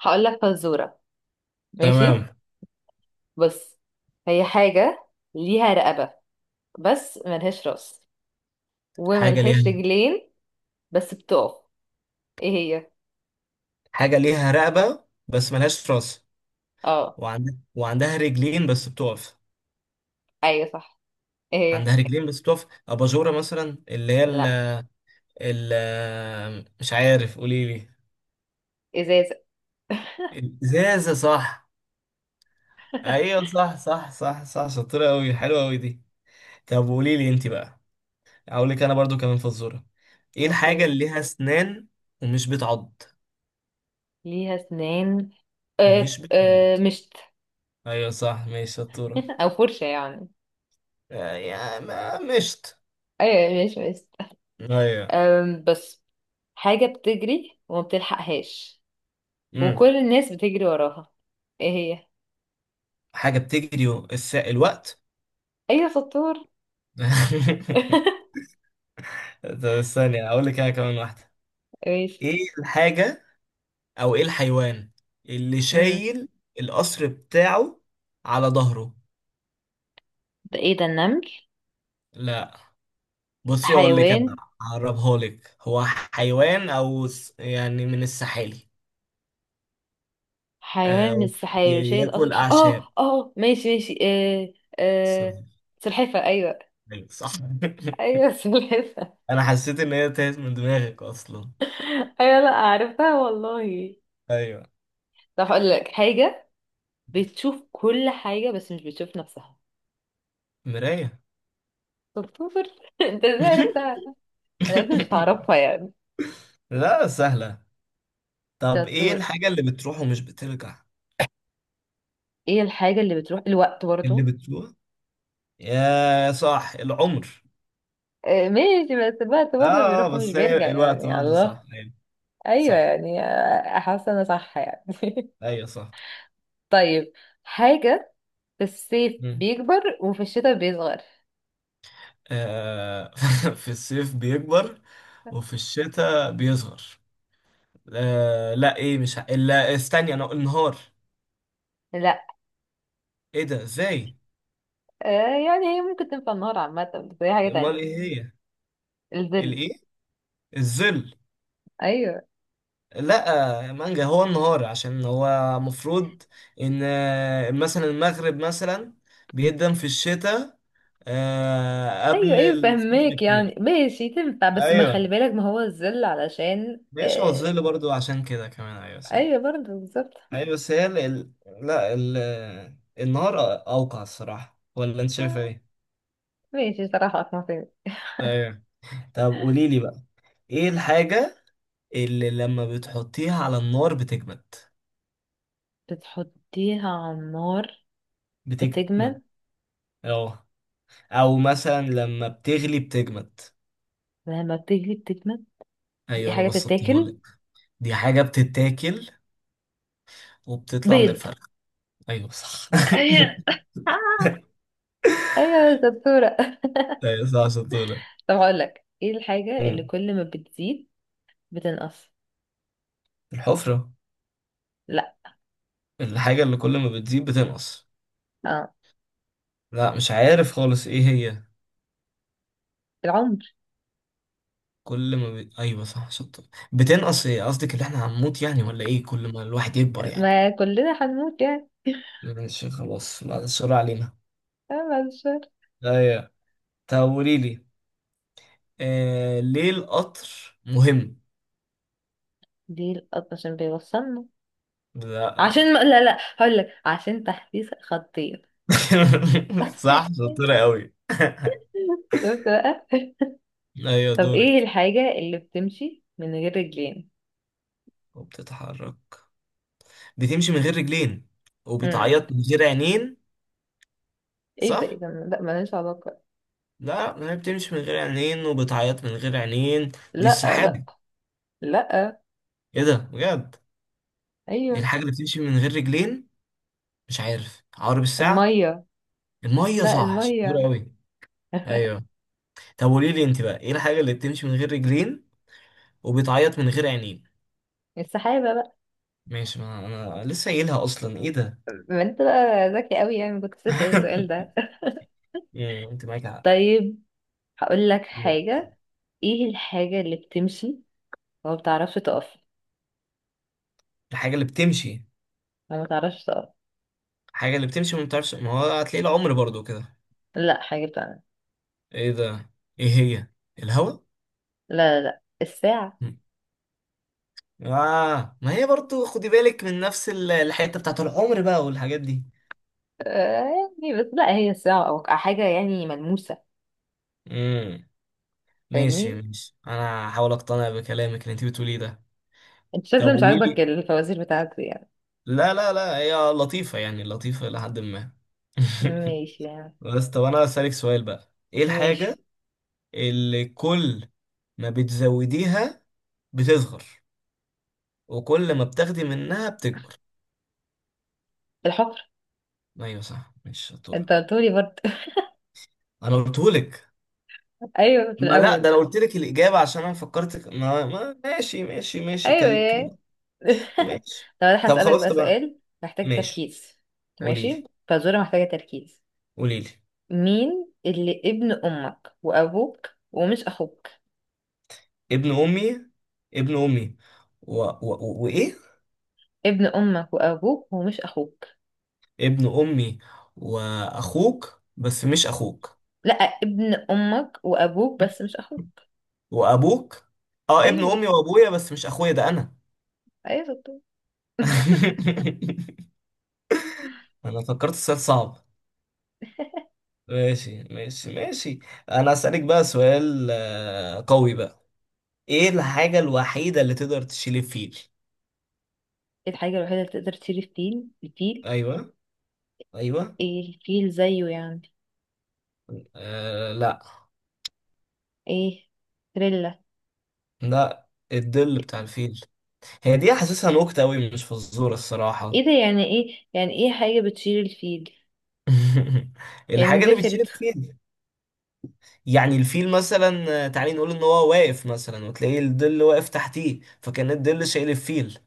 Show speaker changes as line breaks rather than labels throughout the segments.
هقول لك فزورة. ماشي.
تمام.
بص، هي حاجة ليها رقبة بس ملهاش راس
حاجة
وملهاش
ليها
رجلين بس بتقف. ايه هي؟
حاجة ليها رقبة بس ملهاش راس،
اه.
وعندها رجلين بس بتقف.
ايوه صح. ايه هي؟
عندها رجلين بس بتقف، أباجورة مثلا، اللي هي
لا.
مش عارف، قولي لي.
ازازة.
الإزازة صح؟ أيوة، صح صح صح صح، شطورة أوي، حلوة أوي دي. طب قولي لي أنت بقى. أقول لك أنا برضو كمان فزورة: إيه الحاجة
اوكي.
اللي ليها أسنان ومش بتعض
ليها اسنان. آه
ومش
آه،
بتعض
مشت.
أيوة صح، ماشي شطورة.
او فرشة يعني.
آه، يا ما مشت.
ايوه، مش مشت.
أيوة.
أم بس، حاجة بتجري وما بتلحقهاش
مم.
وكل الناس بتجري وراها. ايه هي؟
حاجة بتجري الوقت.
ايوه شطور.
طب استني اقول لك انا كمان واحدة.
ماشي.
ايه الحاجة او ايه الحيوان اللي شايل القصر بتاعه على ظهره؟
ده ايه ده؟ النمل؟
لا، بصي اقول لك انا،
حيوان.
هقربها لك، هو حيوان يعني من السحالي.
حيوان
آه،
مش شايل
ياكل
قصر. اه
اعشاب.
اه ماشي ماشي. آه. آه.
سوري.
سلحفة. ايوه.
أيوة، صح.
ايوه سلحفة.
انا حسيت ان هي تاهت من دماغك اصلا.
ايوه، لا عرفتها والله.
ايوه.
طب هقول لك حاجة. بتشوف كل حاجة بس مش بتشوف نفسها.
مراية.
شطور. انت ازاي عرفتها؟ انا قلت مش هعرفها يعني.
لا سهلة. طب ايه
شطور.
الحاجة اللي بتروح ومش بترجع؟
ايه الحاجة اللي بتروح؟ الوقت
اللي
برضه.
بتروح؟ يا صح العمر.
آه ماشي، بس الوقت
اه
برضه
آه،
بيروح ومش
بس
بيرجع
هي الوقت
يعني.
برضه
الله.
صح، ايوه.
ايوه
صح،
يعني آه، حاسه انا صح يعني.
ايوه صح.
طيب. حاجة في الصيف
مم.
بيكبر وفي الشتاء بيصغر.
آه. في الصيف بيكبر وفي الشتاء بيصغر. آه، لا، ايه، مش ه- لا استني، انا النهار.
لا.
ايه ده، ازاي؟
آه يعني هي ممكن تنفع النهار عامة، بس هي حاجة
امال
تانية.
ايه هي؟
الظل.
الايه؟ الظل؟
ايوه.
لا، مانجا، هو النهار، عشان هو مفروض ان، مثلا المغرب مثلا بيقدم في الشتاء، آه،
ايوه
قبل
ايوه
الصيف
فهماك يعني،
بكتير.
ماشي تنفع بس ما
ايوه،
خلي بالك ما هو الظل علشان
ماشي، هو
آه.
الظل برضو عشان كده كمان، ايوه صح.
ايوه برضه بالظبط.
ايوه، بس هي لا النهار، اوقع الصراحه، ولا انت شايف
آه،
ايه؟
ماشي صراحة اقنع فيها.
ايوه. طب قولي لي بقى، ايه الحاجه اللي لما بتحطيها على النار بتجمد؟
بتحطيها على النار
بتجمد،
بتجمد.
اه، او مثلا لما بتغلي بتجمد.
لما بتجلي بتجمد. دي
ايوه، انا
حاجة
بسطتها لك.
بتتاكل.
دي حاجه بتتاكل وبتطلع من
بيض.
الفرخ. ايوه صح.
ايوه. آه، ايوه يا دكتورة.
ايوه صح، شطوره.
طب هقول لك، ايه الحاجة اللي كل ما بتزيد بتنقص؟
الحفرة؟
لا.
الحاجة اللي كل ما بتزيد بتنقص.
اه.
لا، مش عارف خالص، ايه هي؟
العمر.
كل ما ب... ايوه صح، شطة بتنقص، ايه قصدك، اللي احنا هنموت يعني، ولا ايه، كل ما الواحد يكبر يعني؟
ما كلنا هنموت يعني.
ماشي خلاص، بعد السؤال علينا.
اه، بعد الشر.
ايوه. طب قولي لي، ليه القطر مهم؟
دي القط عشان بيوصلنا.
لا.
عشان ما... لا لا، هقول لك عشان تحديث خطير.
صح، شطورة قوي.
شفت بقى.
ايوه
طب ايه
دورك.
الحاجة اللي بتمشي من غير رجلين؟
وبتتحرك، بتمشي من غير رجلين
امم.
وبتعيط من غير عينين؟
ايه ده؟ ايه
صح.
ده؟ لا، ملهاش علاقة.
لا، ما هي بتمشي من غير عينين وبتعيط من غير عينين. دي
لا لا.
السحابة.
لا.
ايه ده، بجد؟ إيه
ايوه.
الحاجة اللي بتمشي من غير رجلين؟ مش عارف، عقرب الساعة؟
المية.
المية؟
لا،
صح شطورة
المية.
أوي. أيوه. طب قولي لي أنت بقى، ايه الحاجة اللي بتمشي من غير رجلين وبتعيط من غير عينين؟
السحابة بقى.
ماشي، ما أنا لسه قايلها أصلا، ايه ده.
ما انت بقى ذكي قوي يعني، كنت بتسأل السؤال ده.
أنت معاك حق.
طيب هقول لك حاجة. ايه الحاجة اللي بتمشي وما بتعرفش تقف؟
الحاجة اللي بتمشي
وما بتعرفش تقف.
الحاجة اللي بتمشي، ما بتعرفش، ما هو هتلاقي العمر برضو كده.
لا، حاجة بتعمل.
ايه ده، ايه هي؟ الهوا؟
لا لا. لا الساعة.
اه، ما هي برضو، خدي بالك، من نفس الحته بتاعت العمر بقى، والحاجات دي.
آه، يعني بس لا، هي الساعة أو حاجة يعني ملموسة.
امم. ماشي
فاهمني؟
ماشي، انا هحاول اقتنع بكلامك اللي انت بتقوليه ده.
انت
طب
شكلك مش
قولي
عاجبك
لي.
الفوازير بتاعتي يعني.
لا لا لا، هي لطيفه يعني، لطيفه لحد ما.
ماشي يعني.
بس طب انا اسالك سؤال بقى، ايه الحاجه
ماشي.
اللي كل ما بتزوديها بتصغر، وكل ما بتاخدي منها بتكبر؟
الحفر.
ايوه صح، مش شطوره؟
انت قلتولي برضه.
انا قلتهولك.
ايوه في
ما لا، ده
الأول.
لو قلت لك الإجابة عشان أنا فكرتك، ما... ما ماشي ماشي ماشي،
ايوه. يا.
ماشي.
طب انا
طب
هسألك
خلاص،
بقى
طبعا،
سؤال محتاج
ماشي،
تركيز.
قولي لي
ماشي، فزورة محتاجة تركيز.
قولي لي.
مين اللي ابن أمك وأبوك ومش أخوك؟
ابن أمي ابن أمي، وإيه؟
ابن امك وابوك ومش اخوك.
ابن أمي وأخوك بس مش أخوك
لا، ابن امك وابوك بس مش اخوك.
وأبوك. أه، ابن
ايوه.
أمي وأبويا بس مش أخويا، ده أنا.
ايوه شطور.
أنا فكرت السؤال صعب. ماشي ماشي ماشي. أنا أسألك بقى سؤال قوي بقى: ايه الحاجة الوحيدة اللي تقدر تشيل الفيل؟
الحاجه الوحيده اللي تقدر تشيل الفيل؟ الفيل؟
ايوه، ايوه.
ايه، الفيل زيه يعني؟
آه لا.
ايه؟ تريلا.
لا، الظل بتاع الفيل. هي دي حاسسها نكتة قوي، مش فزورة الصراحة.
ايه ده؟ يعني ايه؟ يعني ايه حاجه بتشيل الفيل؟ يعني
الحاجة اللي بتشيل
زفرت.
الفيل، يعني الفيل مثلا، تعالي نقول ان هو واقف مثلا، وتلاقيه الظل واقف تحتيه، فكان الظل شايل الفيل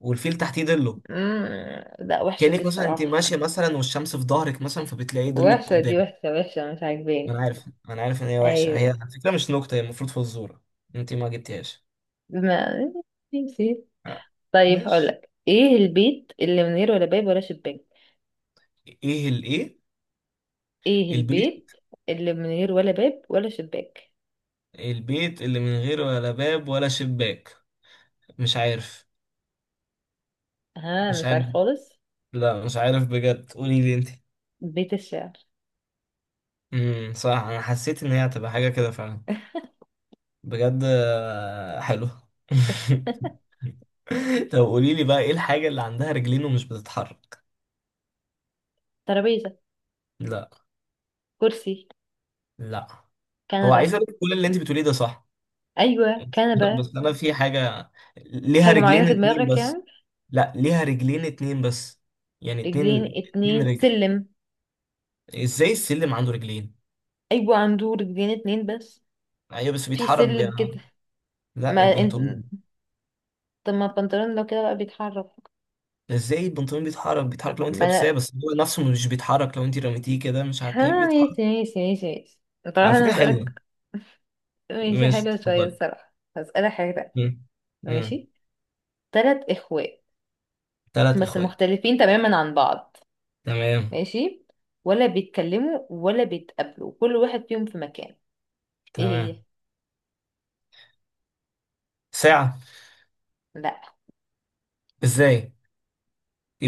والفيل تحتيه ظله.
مم، لا وحشه دي
كأنك مثلا انت
الصراحه.
ماشية مثلا والشمس في ظهرك مثلا، فبتلاقي ظلك
وحشه دي،
قدامك.
وحشه وحشه مش
ما انا
عاجباني.
عارف ما انا عارف ان هي وحشة،
ايوه.
هي على فكرة مش نكتة، هي المفروض فزورة. انت ما جبتيهاش.
ما نسيت.
آه،
طيب
ماشي.
هقولك، ايه البيت اللي من غير ولا باب ولا شباك؟
ايه الايه؟
ايه
البيت؟
البيت اللي من غير ولا باب ولا شباك؟
البيت اللي من غير ولا باب ولا شباك. مش عارف،
ها
مش
مش
عارف.
عارف خالص.
لا، مش عارف بجد، قولي لي انت.
بيت الشعر.
امم، صح، انا حسيت ان هي هتبقى حاجه كده فعلا، بجد. حلو. طب قولي لي بقى، ايه الحاجه اللي عندها رجلين ومش بتتحرك؟
ترابيزة.
لا.
كرسي.
لا. هو عايز
كنبة.
اقول لك كل اللي انت بتقوليه ده صح.
ايوه كنبة.
بس انا في حاجه ليها
حاجة
رجلين
معينة في
اتنين
دماغك
بس.
يعني؟
لا، ليها رجلين اتنين بس، يعني
رجلين
اتنين، اتنين
اتنين.
رجل.
سلم.
ازاي السلم عنده رجلين؟
ايوه، عنده رجلين اتنين بس.
ايوه بس
في
بيتحرك،
سلم كده.
لا،
ما انت.
البنطلون.
طب ما البنطلون لو كده بقى بيتحرك.
ازاي البنطلون بيتحرك؟ بيتحرك لو انت
ما
لابساه،
انا.
بس هو نفسه مش بيتحرك، لو انت رميتيه كده مش
ها،
هتلاقيه بيتحرك.
ماشي ماشي ماشي ماشي. طبعا
على
انا
فكرة حلوة.
هسألك. ماشي،
ماشي،
حلوة شوية
اتفضل.
الصراحة، هسألك حاجة تانية.
مم. مم.
ماشي. تلات اخوات
تلات
بس
اخوات.
مختلفين تماما عن بعض.
تمام.
ماشي. ولا بيتكلموا ولا بيتقابلوا، كل واحد فيهم في مكان. ايه
تمام.
هي؟
ساعة؟
لا.
ازاي،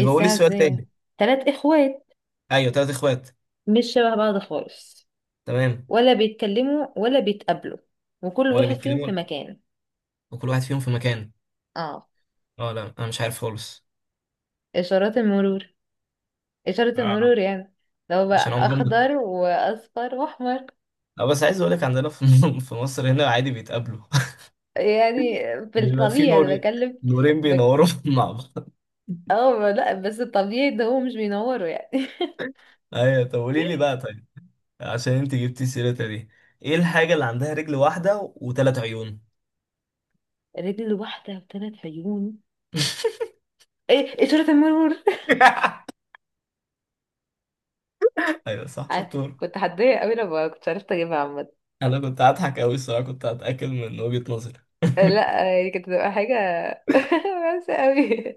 ايه
قولي
الساعة
السؤال
ازاي؟
تاني.
تلات اخوات
ايوه، تلات اخوات.
مش شبه بعض خالص.
تمام.
ولا بيتكلموا ولا بيتقابلوا، وكل
ولا
واحد فيهم
بيتكلموا
في مكان.
وكل واحد فيهم في مكان.
اه.
اه، لا انا مش عارف خالص.
اشارات المرور. اشارة
آه.
المرور يعني. لو
عشان
بقى
عمرهم.
اخضر واصفر واحمر
اه بس عايز اقول لك، عندنا في في مصر هنا عادي بيتقابلوا.
يعني. في
بيبقى في
الطبيعي انا
نورين،
بكلم.
نورين
بك...
بينوروا مع بعض.
اه لا، بس الطبيعي ده هو مش بينوروا يعني.
ايوه. طب قولي لي بقى طيب، عشان انت جبتي سيرتها دي، ايه الحاجة اللي عندها رجل واحدة وثلاث عيون؟
رجل واحدة وثلاث عيون؟ ايه، اشارة المرور.
ايوه صح،
ع-
شطور.
كنت هتضايق قوي لما كنت عرفت اجيبها عامة.
انا كنت هضحك قوي الصراحة، كنت هتأكد من وجهة نظري.
آه، لا هي كانت هتبقى حاجة وحشة قوي.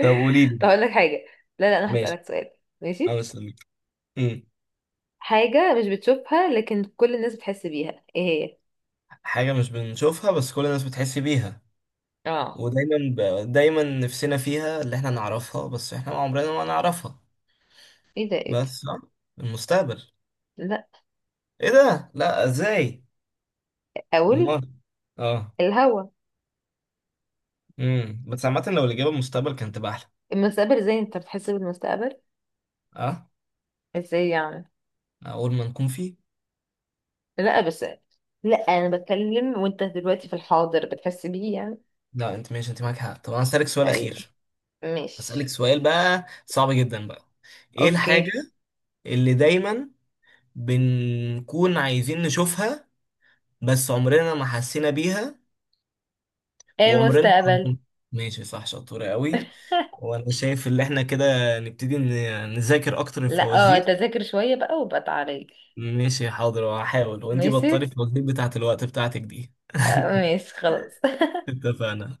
طب قولي لي.
طب اقول لك حاجة. لا لا، انا
ماشي،
هسألك سؤال.
انا
ماشي.
مستنيك. أمم.
حاجة مش بتشوفها لكن كل الناس بتحس بيها، ايه هي؟
حاجة مش بنشوفها بس كل الناس بتحس بيها،
اه.
ودايما دايما نفسنا فيها، اللي احنا نعرفها بس احنا عمرنا ما نعرفها.
ايه ده؟ ايه ده؟
بس المستقبل.
لا.
ايه ده، لا، ازاي؟
اقول.
امال. اه.
الهوا.
امم، بس عامه لو الاجابه المستقبل كانت تبقى احلى.
المستقبل؟ ازاي انت بتحس بالمستقبل؟
اه،
ازاي يعني.
اول ما نكون فيه.
لا بس، لا انا بتكلم وانت دلوقتي في الحاضر بتحس بيه يعني.
لا انت ماشي، انت معاك حق، طب انا هسألك سؤال
ايوه.
اخير. هسألك
ماشي.
سؤال بقى صعب جدا بقى: ايه الحاجه
اوكي.
اللي دايما بنكون عايزين نشوفها، بس عمرنا ما حسينا بيها،
ايه،
وعمرنا ما
المستقبل.
هنكون-؟ ماشي صح، شطوره قوي. وانا شايف ان احنا كده نبتدي نذاكر اكتر
لا اه،
الفوازير.
تذاكر شوية بقى وبقى تعالي.
ماشي حاضر، وهحاول، وانتي
ماشي.
بطلي الفوازير بتاعت الوقت بتاعتك دي.
آه، ماشي خلاص.
اتفقنا.